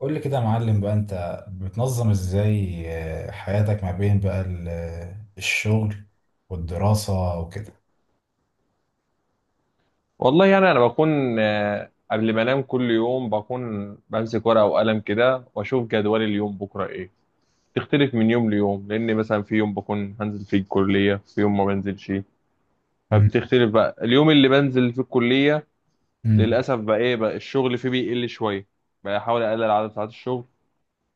قول لي كده يا معلم بقى، انت بتنظم ازاي حياتك ما بين بقى الشغل والدراسة وكده. والله يعني انا بكون قبل ما انام كل يوم بكون بمسك ورقه وقلم كده واشوف جدول اليوم بكره ايه. تختلف من يوم ليوم لان مثلا في يوم بكون هنزل فيه الكليه، في يوم ما بنزلش. مم. فبتختلف بقى اليوم اللي بنزل فيه الكليه. مم. للاسف بقى ايه بقى الشغل فيه بيقل شويه، بحاول اقلل عدد ساعات الشغل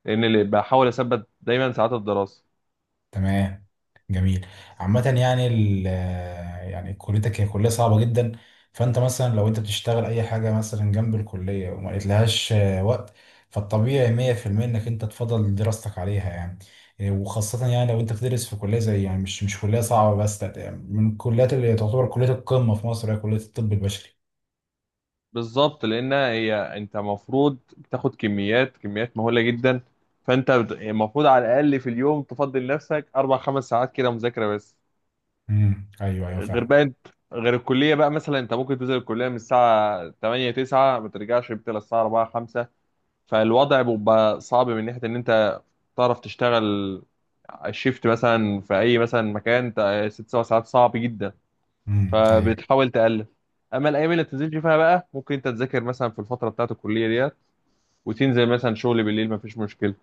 لان اللي بحاول اثبت دايما ساعات الدراسه. تمام. جميل. عامة يعني، يعني كليتك هي كلية صعبة جدا. فانت مثلا لو انت بتشتغل اي حاجة مثلا جنب الكلية وما لقيتلهاش وقت، فالطبيعي 100% انك انت تفضل دراستك عليها يعني. وخاصة يعني لو انت بتدرس في كلية زي، يعني مش كلية صعبة بس، لا، من الكليات اللي تعتبر كلية القمة في مصر هي كلية الطب البشري. بالظبط، لان هي انت المفروض بتاخد كميات مهوله جدا. المفروض على الاقل في اليوم تفضل نفسك اربع خمس ساعات كده مذاكره بس. ايوه ايوه غير فعلا. بقى انت غير الكليه بقى مثلا انت ممكن تنزل الكليه من الساعه 8 9 ما ترجعش بتلا الساعه 4 5. فالوضع بيبقى صعب من ناحيه ان انت تعرف تشتغل الشيفت مثلا في اي مثلا ست سبع ساعات صعب جدا. ايوه. فبتحاول تقلل. اما الايام اللي بتنزلش فيها بقى ممكن انت تذاكر مثلا في الفتره بتاعت الكليه ديت، وتنزل مثلا شغل بالليل، مفيش مشكله.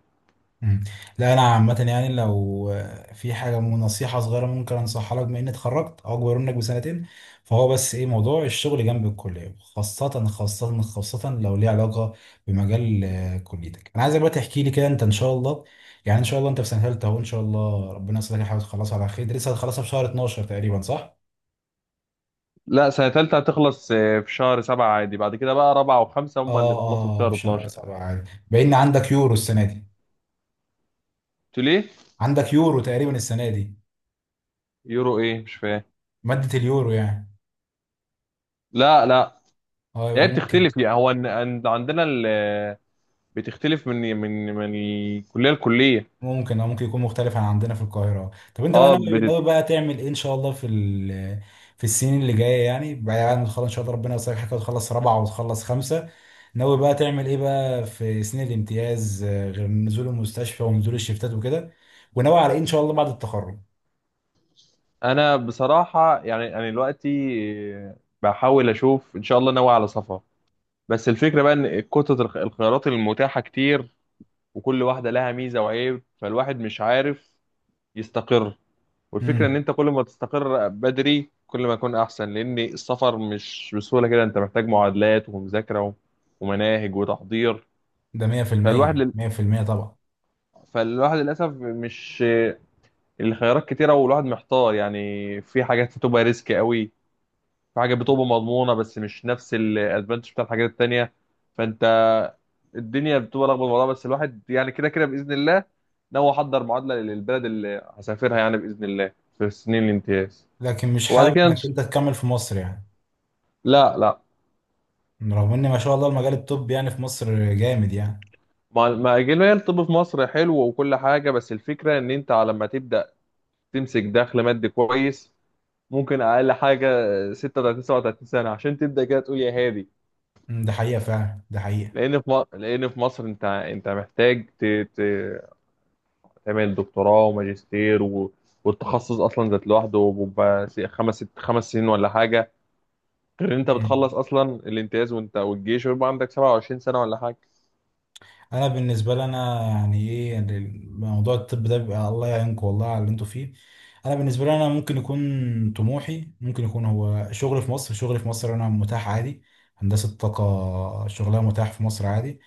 مم. لا، انا عامه يعني، لو في حاجه نصيحه صغيره ممكن انصحها لك بما اني اتخرجت او اكبر منك بسنتين، فهو بس ايه موضوع الشغل جنب الكليه، خاصه خاصه خاصه لو ليه علاقه بمجال كليتك. انا عايزك بقى تحكي لي كده انت، ان شاء الله يعني ان شاء الله انت في سنه ثالثه اهو، ان شاء الله ربنا يسهلك الحاجه تخلصها على خير. أنت لسه هتخلصها في شهر 12 تقريبا صح؟ لا، سنه ثالثه هتخلص في شهر سبعة عادي، بعد كده بقى رابعه وخمسه هم اللي اه بيخلصوا في اه، في شهر شهر 12. 7 عادي. باين عندك يورو السنه دي. قلت له ليه. عندك يورو تقريبا السنه دي. يورو ايه مش فاهم. ماده اليورو يعني. لا لا. اه يبقى هي ممكن بتختلف، يعني عندنا بتختلف من الكليه لكليه. ممكن او ممكن يكون مختلف عن عندنا في القاهره. طب انت بقى اه ناوي بتت... ناوي بقى تعمل ايه ان شاء الله في في السنين اللي جايه، يعني بعد ما تخلص ان شاء الله ربنا يوصلك حاجه وتخلص رابعه وتخلص خمسه. ناوي بقى تعمل ايه بقى في سنين الامتياز، غير نزول المستشفى ونزول الشفتات وكده؟ وناوي على ايه ان شاء الله بعد التخرج؟ انا بصراحه يعني انا دلوقتي، آه، بحاول اشوف، ان شاء الله ناوي على سفر. بس الفكره بقى ان كتله الخيارات المتاحه كتير، وكل واحده لها ميزه وعيب، فالواحد مش عارف يستقر. والفكرة ان امم. انت كل ما تستقر بدري كل ما يكون احسن، لان السفر مش بسهولة كده، انت محتاج معادلات ومذاكرة ومناهج وتحضير. ده فالواحد 100% لل... 100% طبعا. فالواحد للاسف مش، الخيارات كتيرة والواحد محتار، يعني في حاجات بتبقى ريسك قوي، في حاجات بتبقى مضمونة بس مش نفس الادفانتج بتاع الحاجات التانية. فانت الدنيا بتبقى لخبطة والله، بس الواحد يعني كده كده باذن الله ناوي احضر معادلة للبلد اللي هسافرها، يعني باذن الله في سنين الامتياز. لكن مش وبعد حابب كده انك إن- انت تكمل في مصر يعني؟ لا لا. رغم ان ما شاء الله المجال الطبي يعني في مصر جامد يعني. ما ما اجل، هي الطب في مصر حلو وكل حاجه، بس الفكره ان انت على ما تبدا تمسك دخل مادي كويس، ممكن اقل حاجه 36 37 سنه عشان تبدا كده تقول يا هادي. مم، ده حقيقه فعلا، ده حقيقه. لان في مصر انت محتاج تعمل دكتوراه وماجستير والتخصص اصلا ذات لوحده بيبقى خمس ست خمس سنين ولا حاجه. غير ان انت مم. بتخلص اصلا الامتياز وانت والجيش ويبقى عندك 27 سنه ولا حاجه. انا بالنسبه لي، انا يعني ايه يعني، موضوع الطب ده بيبقى الله يعينكم والله على اللي انتوا فيه. انا بالنسبه لي، انا ممكن يكون طموحي، ممكن يكون هو شغل في مصر. شغل في مصر انا متاح عادي. هندسه طاقه شغلها متاح في مصر عادي.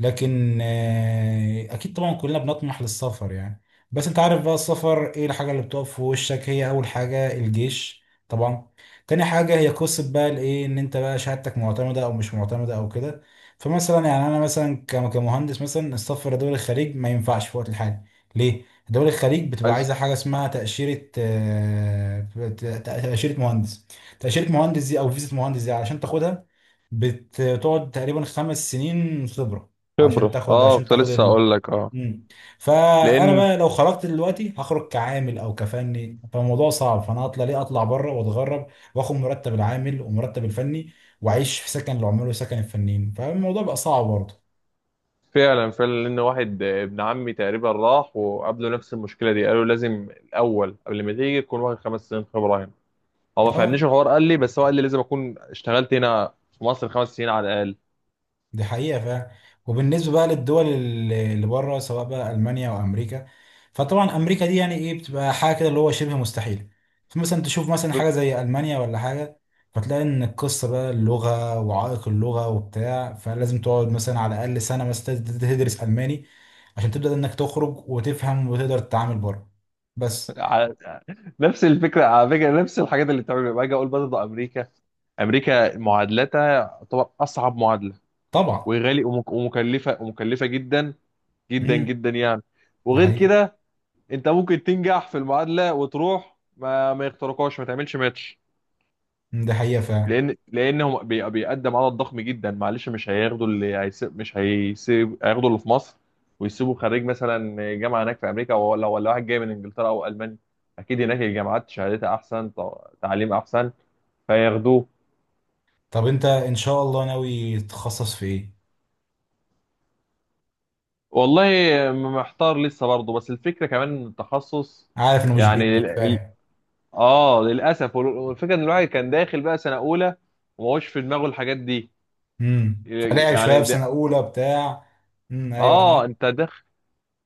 لكن اكيد طبعا كلنا بنطمح للسفر يعني. بس انت عارف بقى السفر ايه الحاجه اللي بتقف في وشك؟ هي اول حاجه الجيش طبعا. تاني حاجه هي قصه بقى الايه، ان انت بقى شهادتك معتمده او مش معتمده او كده. فمثلا يعني انا مثلا كمهندس مثلا، السفر لدول الخليج ما ينفعش في وقت الحالي. ليه؟ دول الخليج بتبقى عايز عايزه حاجه اسمها تاشيره، تاشيره مهندس. تاشيره مهندس دي او فيزا مهندس دي علشان تاخدها، بتقعد تقريبا 5 سنين خبرة خبره. عشان تاخد، اه كنت لسه اقول لك اه. مم. فانا لان بقى لو خرجت دلوقتي هخرج كعامل او كفني، فالموضوع صعب. فانا اطلع ليه اطلع بره واتغرب، واخد مرتب العامل ومرتب الفني، واعيش في سكن العمال وسكن الفنيين؟ فالموضوع بقى صعب برضه. فعلا فعلا لان واحد ابن عمي تقريبا راح وقابله نفس المشكله دي، قالوا لازم الاول قبل ما تيجي تكون واخد خمس سنين خبره هنا. هو ما اه، فهمنيش الحوار، قال لي بس هو قال لي لازم اكون اشتغلت هنا في مصر خمس سنين على الاقل. دي حقيقة فعلا. وبالنسبة بقى للدول اللي بره، سواء بقى ألمانيا أو أمريكا، فطبعا أمريكا دي يعني إيه، بتبقى حاجة كده اللي هو شبه مستحيل. فمثلا تشوف مثلا ب- حاجة زي ألمانيا ولا حاجة، فتلاقي إن القصة بقى اللغة وعائق اللغة وبتاع، فلازم تقعد مثلا على الأقل سنة مثلا تدرس ألماني عشان تبدأ إنك تخرج وتفهم وتقدر تتعامل بره بس. على- نفس الفكره، على فكره نفس الحاجات اللي بتعمل باجي اقول برضه امريكا. امريكا معادلتها تعتبر اصعب معادله، طبعا. وغالي ومكلفه جدا جدا امم جدا يعني. ده وغير حقيقة. كده، انت ممكن تنجح في المعادله وتروح ما يخترقوش، ما تعملش ماتش. مم، ده حقيقة فعلا. لان هو بيقدم عدد ضخم جدا، معلش مش هياخدوا اللي هيسيب، مش هيسيب هياخدوا اللي في مصر، ويسيبوا خريج مثلا جامعه هناك في امريكا، ولا واحد جاي من انجلترا او المانيا اكيد هناك الجامعات شهادتها احسن، تعليم احسن، فياخدوه. طب أنت إن شاء الله ناوي تتخصص في إيه؟ والله محتار لسه برضه، بس الفكره كمان إن التخصص، عارف إنه مش يعني بإيدك، فاهم. اه، للاسف، والفكره ان الواحد كان داخل بقى سنه اولى وما هوش في دماغه الحاجات دي. فلعب شويه يعني في سنه ده... اولى بتاع. ايوه انا عارف. اه، انت داخل،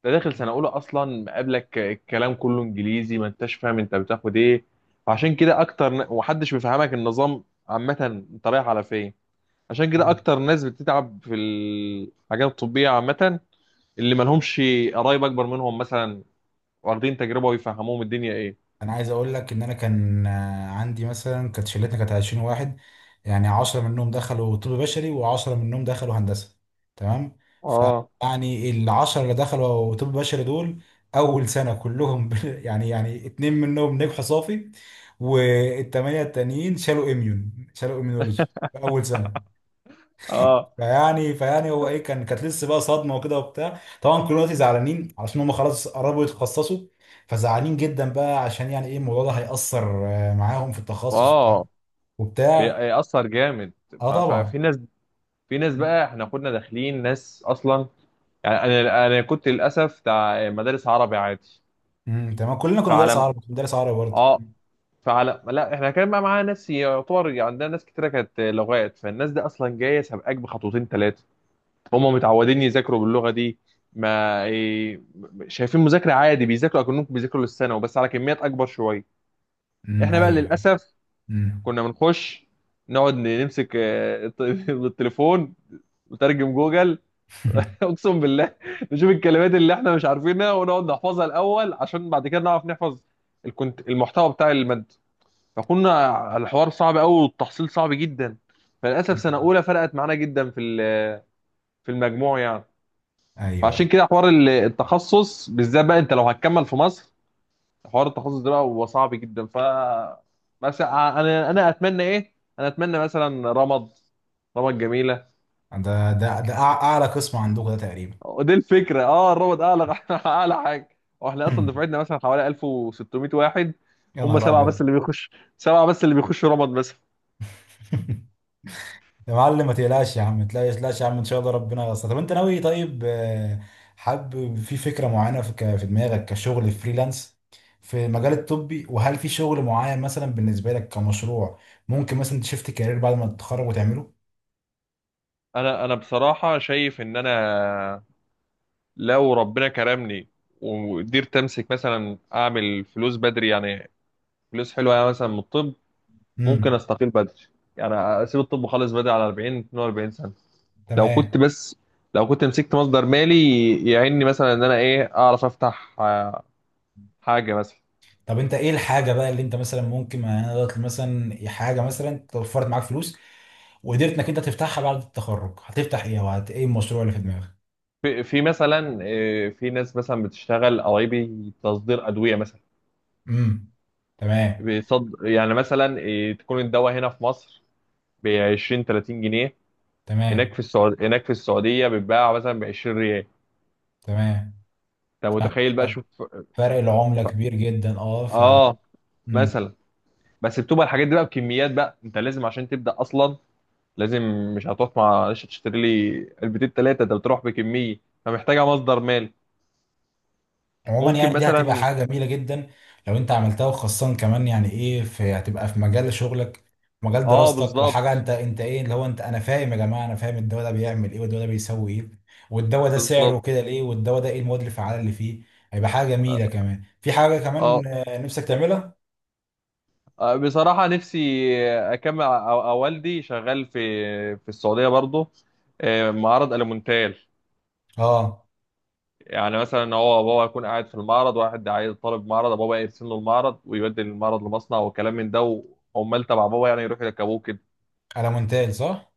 ده داخل سنه اولى اصلا، مقابلك الكلام كله انجليزي، ما انتش فاهم انت بتاخد ايه. فعشان كده اكتر ومحدش بيفهمك النظام، عامه انت رايح على فين. عشان كده مم. اكتر ناس بتتعب في الحاجات الطبيه، عامه اللي ما لهمش قرايب اكبر منهم مثلا واخدين تجربه ويفهموهم الدنيا ايه. انا عايز اقول لك ان انا كان عندي مثلا، كانت شلتنا كانت 20 واحد، يعني 10 منهم دخلوا طب بشري و10 منهم دخلوا هندسه تمام. اه فيعني ال 10 اللي دخلوا طب بشري دول اول سنه كلهم يعني اتنين منهم نجحوا صافي، والثمانيه التانيين شالوا اميون، شالوا اميونولوجي في اول سنه. اه فيعني هو ايه كان، كانت لسه بقى صدمه وكده وبتاع. طبعا كلنا دلوقتي زعلانين علشان هم خلاص قربوا يتخصصوا، فزعلانين جدا بقى عشان يعني ايه الموضوع ده هيأثر معاهم في التخصص اه. وبتاع. بيأثر جامد. اه ف- طبعا. ففي ناس، في ناس بقى احنا كنا داخلين ناس اصلا. يعني انا كنت للاسف بتاع مدارس عربي عادي. تمام. كلنا كنا مدرس فعلى عربي، كنت مدرس عربي برضه. اه فعلى لا، احنا كان بقى معانا ناس يعتبر، يعني عندنا ناس كتيره كانت لغات، فالناس دي اصلا جايه سابقاك بخطوتين ثلاثه، هم متعودين يذاكروا باللغه دي. ما إيه، شايفين مذاكره عادي، بيذاكروا اكنهم بيذاكروا للثانوي بس على كميات اكبر شويه. احنا بقى ايوه ايوه. للاسف امم كنا بنخش نقعد نمسك التليفون وترجم جوجل. اقسم بالله، نشوف الكلمات اللي احنا مش عارفينها ونقعد نحفظها الاول عشان بعد كده نعرف نحفظ الكنت المحتوى بتاع الماده. فكنا الحوار صعب قوي والتحصيل صعب جدا. فللاسف سنه اولى فرقت معانا جدا في في المجموع يعني. ايوه ايوه. فعشان كده حوار التخصص بالذات بقى، انت لو هتكمل في مصر، حوار التخصص ده بقى هو صعب جدا ف. مثلا انا اتمنى ايه، انا اتمنى مثلا رمض جميله. اعلى قسم عندكم ده تقريبا. دي الفكره، اه الرمض اعلى اعلى حاجه. واحنا اصلا دفعتنا مثلا حوالي 1600 واحد، يا هم نهار سبعه بس ابيض. اللي بيخش، سبعه بس اللي بيخشوا رمض مثلا. يا معلم ما تقلقش يا عم، ما تقلقش يا عم، ان شاء الله ربنا ييسر. طب انت ناوي، طيب حابب في فكره معينه في في دماغك كشغل فريلانس في المجال الطبي؟ وهل في شغل معين مثلا بالنسبه لك كمشروع ممكن مثلا تشفت كارير بعد ما تتخرج وتعمله؟ انا بصراحه شايف ان انا لو ربنا كرمني وقدرت امسك مثلا اعمل فلوس بدري، يعني فلوس حلوه يعني مثلا من الطب، ممكن امم استقيل بدري. يعني اسيب الطب وخلص بدري على 40 42 سنه. لو كنت تمام. بس لو كنت مسكت مصدر مالي، يعيني مثلا ان انا ايه اعرف افتح حاجه مثلا. طب انت ايه الحاجه بقى اللي انت مثلا ممكن، يعني انا دلوقتي مثلا حاجه مثلا توفرت معاك فلوس وقدرت انك انت تفتحها بعد التخرج، هتفتح ايه وهت ايه المشروع اللي في دماغك؟ في مثلا في ناس مثلا بتشتغل قرايبي تصدير ادويه مثلا. امم تمام. يعني مثلا تكون الدواء هنا في مصر ب 20 30 جنيه، هناك تمام هناك في السعوديه بيتباع مثلا ب 20 ريال. تمام. انت متخيل بقى شوف. فرق العملة كبير جدا، اه اه مم. مثلا، بس بتبقى الحاجات دي بقى بكميات، بقى انت لازم عشان تبدا اصلا لازم، مش هتقف معلش تشتري لي علبتين ثلاثه، ده بتروح بكميه فمحتاجه مصدر مالي. عموما ممكن يعني دي هتبقى مثلا. حاجة جميلة جدا لو انت عملتها، وخاصة كمان يعني ايه في هتبقى في مجال شغلك، مجال اه دراستك، وحاجة بالظبط انت ايه اللي هو، انت انا فاهم يا جماعة، انا فاهم الدواء ده بيعمل ايه والدواء ده بيسوي ايه والدواء ده سعره كده بالظبط. ليه والدواء ده ايه المواد الفعالة اللي فيه. هيبقى حاجة جميلة. كمان في حاجة اه كمان نفسك تعملها. بصراحه نفسي اكمل، أو والدي شغال في السعوديه برضه، معرض الومنتال. اه، يعني مثلا هو بابا يكون قاعد في المعرض، واحد عايز طالب معرض، بابا يرسم له المعرض ويبدل المعرض لمصنع وكلام من ده، وعمال تبع بابا يعني يروحوا يركبوه كده. على مونتاج صح.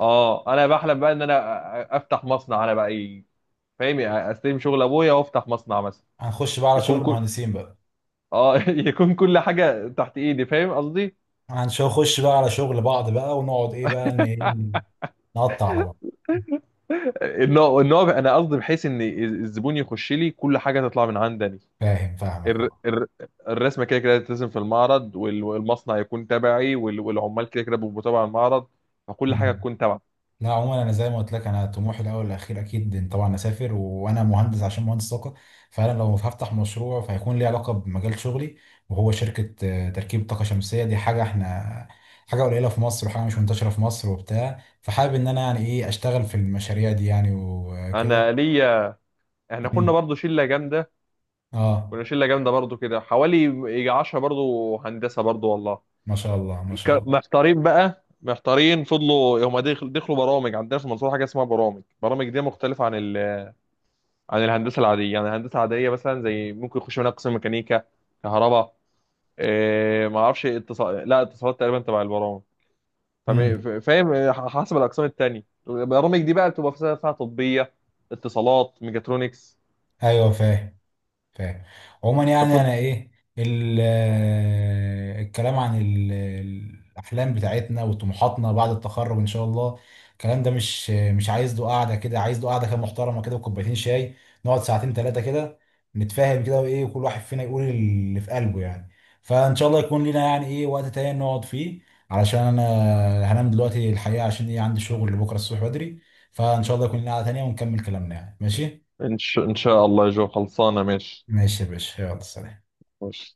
اه، انا بحلم بقى ان انا افتح مصنع، انا بقى فاهم، يعني استلم شغل ابويا وافتح مصنع مثلا. هنخش بقى على شغل يكون كل المهندسين بقى، اه يكون كل حاجه تحت ايدي فاهم قصدي. هنخش بقى على شغل بعض بقى، ونقعد ايه بقى نقطع على بعض. ان هو انا قصدي بحيث ان الزبون يخش لي كل حاجه تطلع من عندي. فاهم، فاهمك الر- اه. الر- الرسمه كده كده هتترسم في المعرض، والمصنع يكون تبعي، والعمال كده كده بيبقوا تبع المعرض، فكل حاجه أمم. تكون تبع. لا، عموما انا زي ما قلت لك، انا طموحي الاول والاخير اكيد إن طبعا اسافر وانا مهندس، عشان مهندس طاقه، فانا لو هفتح مشروع فهيكون ليه علاقه بمجال شغلي. وهو شركه تركيب طاقه شمسيه. دي حاجه احنا، حاجه قليله في مصر وحاجه مش منتشره في مصر وبتاع، فحابب ان انا يعني ايه اشتغل في المشاريع دي يعني انا وكده. ليا، احنا كنا أمم. برضو شله جامده، اه، كنا شله جامده برضو كده، حوالي يجي 10 برضو هندسه برضو والله. ما شاء الله ما شاء الله. محتارين بقى محتارين، فضلوا هم دخلوا برامج، عندنا في المنصوره حاجه اسمها برامج، برامج دي مختلفه عن عن الهندسه العاديه. يعني الهندسه العاديه مثلا زي ممكن يخش منها قسم ميكانيكا، كهرباء، إيه ما اعرفش، لا، اتصالات تقريبا تبع البرامج. امم فاهم، حسب الاقسام التانية، البرامج دي بقى بتبقى فيها طبية، اتصالات، ميجاترونكس. ايوه، فاهم فاهم. عموما يعني ففض... انا ايه الكلام عن الاحلام بتاعتنا وطموحاتنا بعد التخرج ان شاء الله. الكلام ده مش عايز له قعده كده، عايز له قعده كده محترمه كده وكوبايتين شاي، نقعد ساعتين ثلاثه كده نتفاهم كده وايه، وكل واحد فينا يقول اللي في قلبه يعني. فان شاء الله يكون لنا يعني ايه وقت تاني نقعد فيه، علشان انا هنام دلوقتي الحقيقه، عشان ايه عندي شغل بكره الصبح بدري. فان شاء الله يكون لنا قعده تانيه ونكمل كلامنا يعني. ماشي. ان شاء الله يا جو خلصانة، ماشي. ماشي يا باشا، يلا سلام. ماشي.